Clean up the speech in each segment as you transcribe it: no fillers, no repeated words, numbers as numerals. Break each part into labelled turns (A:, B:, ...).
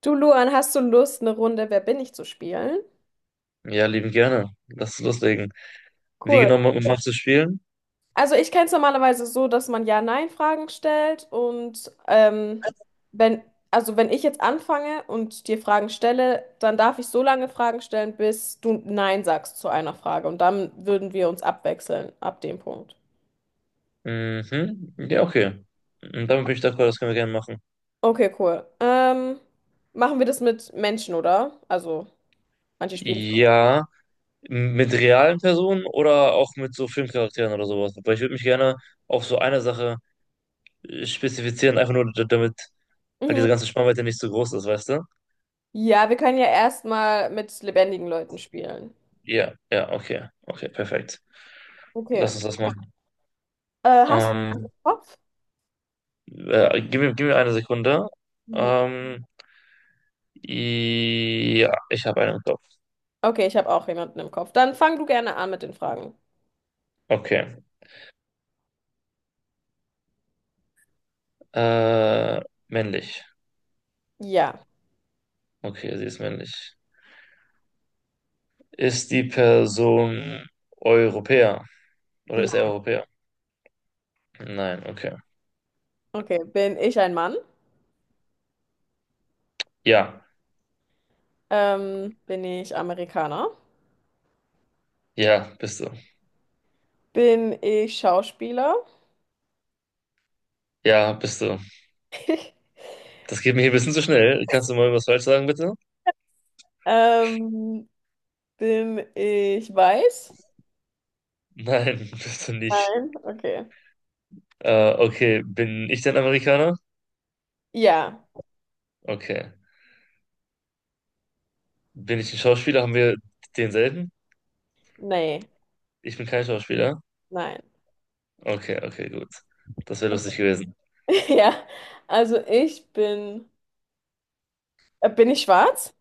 A: Du, Luan, hast du Lust, eine Runde Wer bin ich zu spielen?
B: Ja, lieben gerne. Lass es loslegen. Wie
A: Cool.
B: genau magst du spielen?
A: Also ich kenne es normalerweise so, dass man Ja-Nein-Fragen stellt und wenn, also wenn ich jetzt anfange und dir Fragen stelle, dann darf ich so lange Fragen stellen, bis du Nein sagst zu einer Frage und dann würden wir uns abwechseln ab dem Punkt.
B: Mhm. Ja, okay. Und damit bin ich d'accord, das können wir gerne machen.
A: Okay, cool. Machen wir das mit Menschen, oder? Also manche spielen. So.
B: Ja, mit realen Personen oder auch mit so Filmcharakteren oder sowas. Aber ich würde mich gerne auf so eine Sache spezifizieren, einfach nur damit halt
A: Mhm.
B: diese ganze Spannweite nicht so groß ist, weißt du?
A: Ja, wir können ja erstmal mit lebendigen Leuten spielen.
B: Ja, ja, okay. Okay, perfekt.
A: Okay.
B: Lass uns das machen.
A: Hast du
B: Ähm,
A: Bock?
B: gib mir eine Sekunde.
A: Mhm.
B: Ähm, ja, ich habe einen im Kopf.
A: Okay, ich habe auch jemanden im Kopf. Dann fang du gerne an mit den Fragen.
B: Okay. Äh, männlich.
A: Ja.
B: Okay, sie ist männlich. Ist die Person Europäer? Oder ist er
A: Na,
B: Europäer? Nein, okay.
A: okay. Bin ich ein Mann?
B: Ja,
A: Bin ich Amerikaner?
B: ja, bist du.
A: Bin ich Schauspieler?
B: Ja, bist du. Das geht mir hier ein bisschen zu schnell. Kannst du mal was falsch sagen, bitte?
A: Ähm, bin ich weiß?
B: Nein, bist du nicht.
A: Nein. Okay.
B: Okay, bin ich denn Amerikaner?
A: Ja.
B: Okay. Bin ich ein Schauspieler? Haben wir denselben?
A: Nee.
B: Ich bin kein Schauspieler.
A: Nein.
B: Okay, okay, gut. Das wäre lustig gewesen.
A: Ja. Also ich bin. Bin ich schwarz?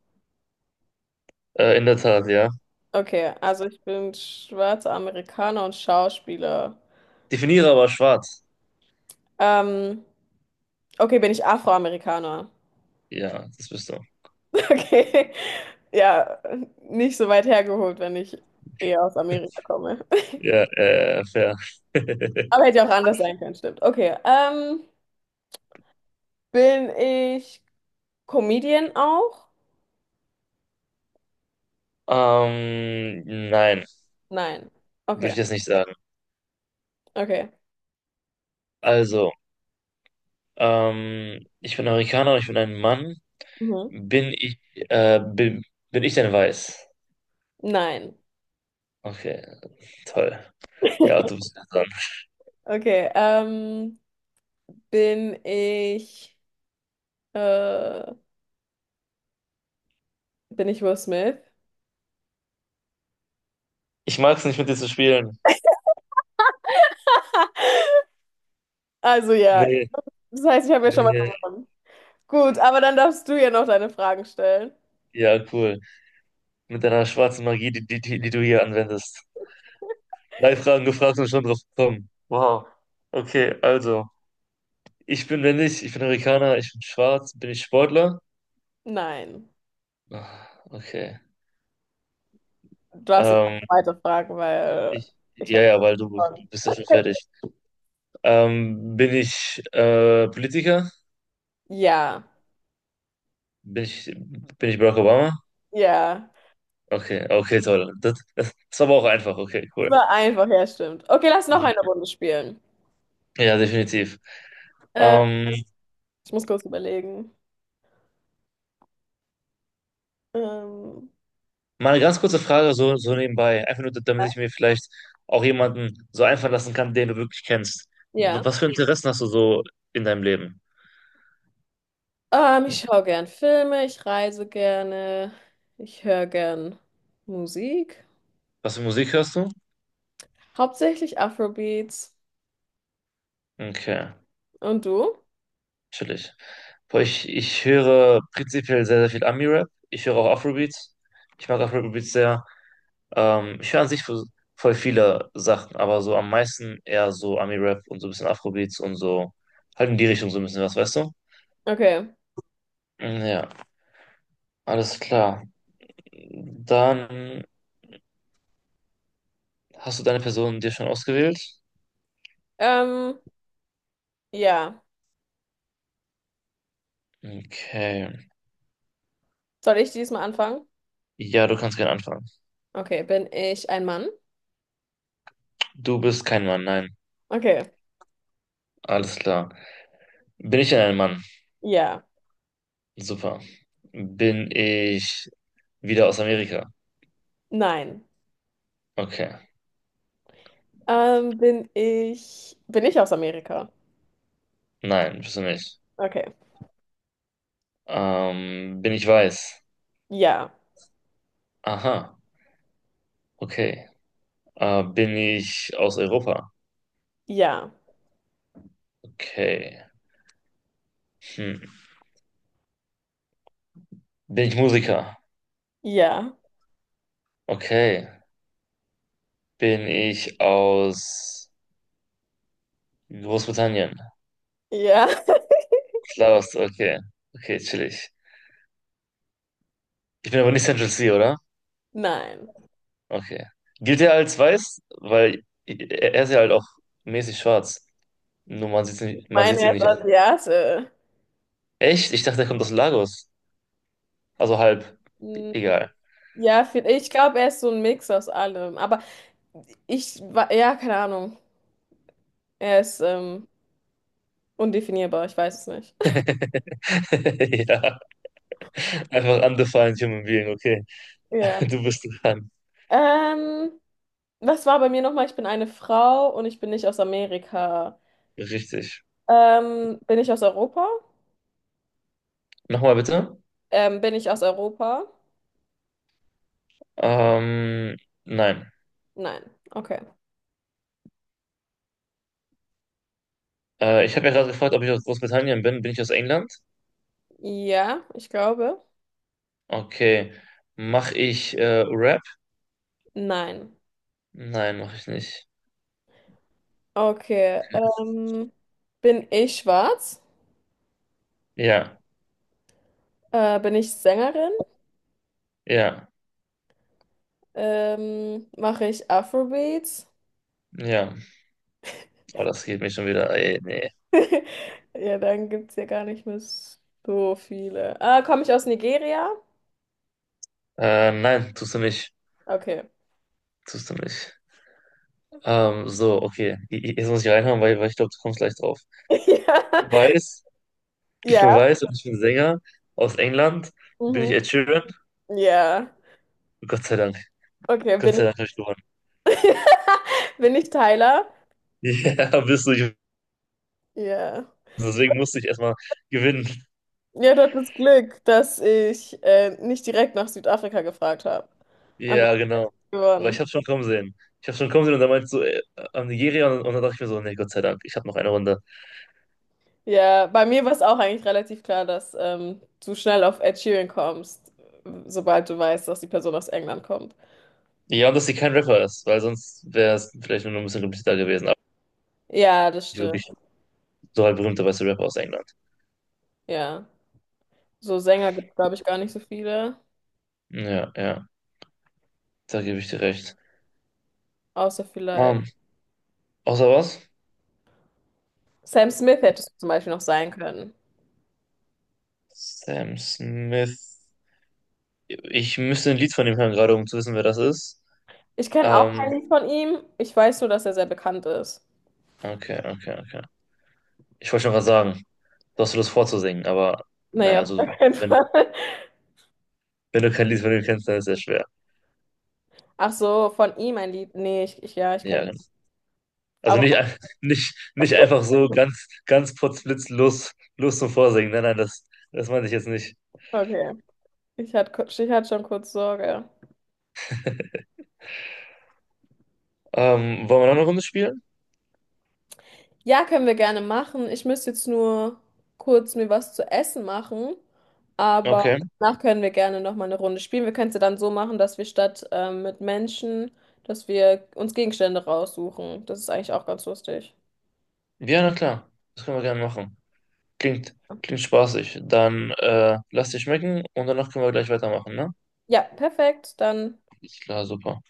B: In der Tat, ja.
A: Okay. Also ich bin schwarzer Amerikaner und Schauspieler.
B: Definiere aber schwarz.
A: Ähm, okay, bin ich Afroamerikaner?
B: Ja, das bist du.
A: Okay. Ja, nicht so weit hergeholt, wenn ich eher aus Amerika komme.
B: Ja, fair.
A: Aber hätte ja auch anders sein können, stimmt. Okay. Bin ich Comedian auch?
B: Ähm, nein,
A: Nein.
B: würde
A: Okay,
B: ich das nicht sagen.
A: okay.
B: Also, ich bin Amerikaner und ich bin ein Mann.
A: Mhm.
B: Bin ich, äh, bin, bin ich denn weiß?
A: Nein.
B: Okay, toll. Ja, du bist ja dran.
A: Okay. Bin ich äh, bin ich Will Smith?
B: Ich mag es nicht, mit dir zu spielen.
A: Also ja.
B: Nee,
A: Das heißt, ich habe ja schon mal
B: nee,
A: gewonnen. Gut, aber dann darfst du ja noch deine Fragen stellen.
B: ja, cool. Mit deiner schwarzen Magie, die du hier anwendest. 3 Fragen gefragt und schon drauf gekommen. Wow. Okay, also, ich bin männlich, ich bin Amerikaner, ich bin schwarz, bin ich Sportler?
A: Nein.
B: Ah, okay.
A: Du darfst jetzt
B: Ähm,
A: weiter fragen, weil ich
B: ja,
A: habe
B: ja, weil du bist ja schon fertig. Bin ich Politiker?
A: Ja,
B: Bin ich Barack Obama?
A: ja.
B: Okay, okay, toll. Das war aber auch einfach. Okay,
A: Das
B: cool.
A: war einfach, ja, stimmt. Okay, lass noch
B: Ja,
A: eine Runde spielen.
B: ja, definitiv.
A: Äh,
B: Ähm,
A: ich muss kurz überlegen. Ähm,
B: mal eine ganz kurze Frage so, so nebenbei, einfach nur, damit ich mir vielleicht auch jemanden so einfallen lassen kann, den du wirklich kennst.
A: ja.
B: Was für Interessen hast du so in deinem Leben?
A: Ich schaue gern Filme, ich reise gerne, ich höre gern Musik.
B: Was für Musik hörst du?
A: Hauptsächlich Afrobeats.
B: Okay.
A: Und du?
B: Natürlich. Boah, ich höre prinzipiell sehr, sehr viel Ami-Rap. Ich höre auch Afrobeats. Ich mag Afrobeats sehr. Ich höre an sich voll viele Sachen, aber so am meisten eher so Ami-Rap und so ein bisschen Afrobeats und so halt in die Richtung so ein bisschen was, weißt du?
A: Okay.
B: Mm, ja, alles klar. Dann hast du deine Person dir schon ausgewählt?
A: Ähm, ja.
B: Okay.
A: Soll ich diesmal anfangen?
B: Ja, du kannst gerne anfangen.
A: Okay, bin ich ein Mann?
B: Du bist kein Mann, nein.
A: Okay.
B: Alles klar. Bin ich denn ein Mann?
A: Ja.
B: Super. Bin ich wieder aus Amerika?
A: Nein.
B: Okay.
A: Bin ich aus Amerika?
B: Nein, bist du nicht.
A: Okay.
B: Bin ich weiß?
A: Ja,
B: Aha. Okay. Bin ich aus Europa?
A: ja,
B: Okay. Hm. Bin ich Musiker?
A: ja,
B: Okay. Bin ich aus Großbritannien?
A: ja.
B: Klar, okay. Okay, chillig. Ich bin aber nicht Central C, oder?
A: Nein.
B: Okay. Gilt er als weiß? Weil er ist ja halt auch mäßig schwarz. Nur man sieht's nicht, man
A: Meine
B: sieht's ihm
A: er ist
B: nicht an.
A: Asiate.
B: Echt? Ich dachte, er kommt aus Lagos. Also halb.
A: Hm,
B: Egal.
A: ja, viel- ich glaube, er ist so ein Mix aus allem. Aber ich war, ja, keine Ahnung. Er ist undefinierbar, ich weiß es nicht.
B: Ja, einfach undefined human being, okay.
A: Ja.
B: Du bist dran.
A: Ähm, was war bei mir nochmal? Ich bin eine Frau und ich bin nicht aus Amerika.
B: Richtig.
A: Bin ich aus Europa?
B: Nochmal bitte.
A: Bin ich aus Europa?
B: Ähm, nein.
A: Nein. Okay.
B: Ich habe ja gerade gefragt, ob ich aus Großbritannien bin. Bin ich aus England?
A: Ja, ich glaube.
B: Okay. Mache ich Rap?
A: Nein.
B: Nein, mache ich nicht.
A: Okay. Bin ich schwarz?
B: Ja,
A: Bin ich Sängerin?
B: ja,
A: Mache ich Afrobeats?
B: ja. Oh, das geht mich schon wieder. Ey, nee.
A: Ja, dann gibt es ja gar nicht mehr so viele. Ah, komme ich aus Nigeria?
B: Nein, tust du nicht.
A: Okay.
B: Tust du nicht. So, okay. Jetzt muss ich reinhauen, weil ich glaube, du kommst gleich drauf.
A: Ja.
B: Weiß. Ich
A: Ja.
B: bin weiß und ich bin Sänger aus England. Bin ich
A: Mhm.
B: Ed Sheeran?
A: Ja.
B: Gott sei Dank.
A: Okay,
B: Gott
A: bin
B: sei Dank
A: ich.
B: habe ich gewonnen.
A: Bin ich Tyler?
B: Ja, bist du. Ich,
A: Ja.
B: deswegen musste ich erstmal gewinnen.
A: Ja, du hattest Glück, dass ich nicht direkt nach Südafrika gefragt habe. Ansonsten
B: Ja, genau. Weil ich
A: gewonnen.
B: habe schon kommen sehen. Ich habe schon kommen sehen und dann meinst du am Nigeria und dann dachte ich mir so, nee, Gott sei Dank, ich habe noch eine Runde.
A: Ja, bei mir war es auch eigentlich relativ klar, dass du schnell auf Ed Sheeran kommst, sobald du weißt, dass die Person aus England kommt.
B: Ja, und dass sie kein Rapper ist, weil sonst wäre es vielleicht nur noch ein bisschen komplizierter gewesen. Aber
A: Ja, das
B: nicht
A: stimmt.
B: wirklich so halt berühmter weißer Rapper aus England.
A: Ja. So Sänger gibt es, glaube ich, gar nicht so viele.
B: Ja, ja, da gebe ich dir recht.
A: Außer vielleicht.
B: Mann, außer was?
A: Sam Smith hätte es zum Beispiel noch sein können.
B: Sam Smith. Ich müsste ein Lied von ihm hören, gerade um zu wissen, wer das ist.
A: Ich kenne auch
B: Ähm,
A: kein Lied von ihm. Ich weiß nur, dass er sehr bekannt ist.
B: okay, okay, okay. Ich wollte schon was sagen. Du hast Lust vorzusingen, aber naja,
A: Naja, auf gar
B: also
A: keinen
B: wenn,
A: Fall.
B: wenn du kein Lied von ihm kennst, dann ist es sehr schwer.
A: Ach so, von ihm ein Lied. Nee, ich ja, ich
B: Ja,
A: kenne.
B: genau. Also
A: Aber
B: nicht, nicht, nicht einfach so ganz, ganz potzblitz los, los zum Vorsingen. Nein, nein, das meinte ich jetzt nicht.
A: okay. Ich hatte schon kurz Sorge.
B: Wollen wir noch eine Runde spielen?
A: Ja, können wir gerne machen. Ich müsste jetzt nur kurz mir was zu essen machen, aber
B: Okay.
A: danach können wir gerne nochmal eine Runde spielen. Wir können es ja dann so machen, dass wir statt mit Menschen, dass wir uns Gegenstände raussuchen. Das ist eigentlich auch ganz lustig.
B: Ja, na klar. Das können wir gerne machen. Klingt, klingt spaßig. Dann lass dich schmecken und danach können wir gleich weitermachen, ne?
A: Ja, perfekt. Dann.
B: Klar, super.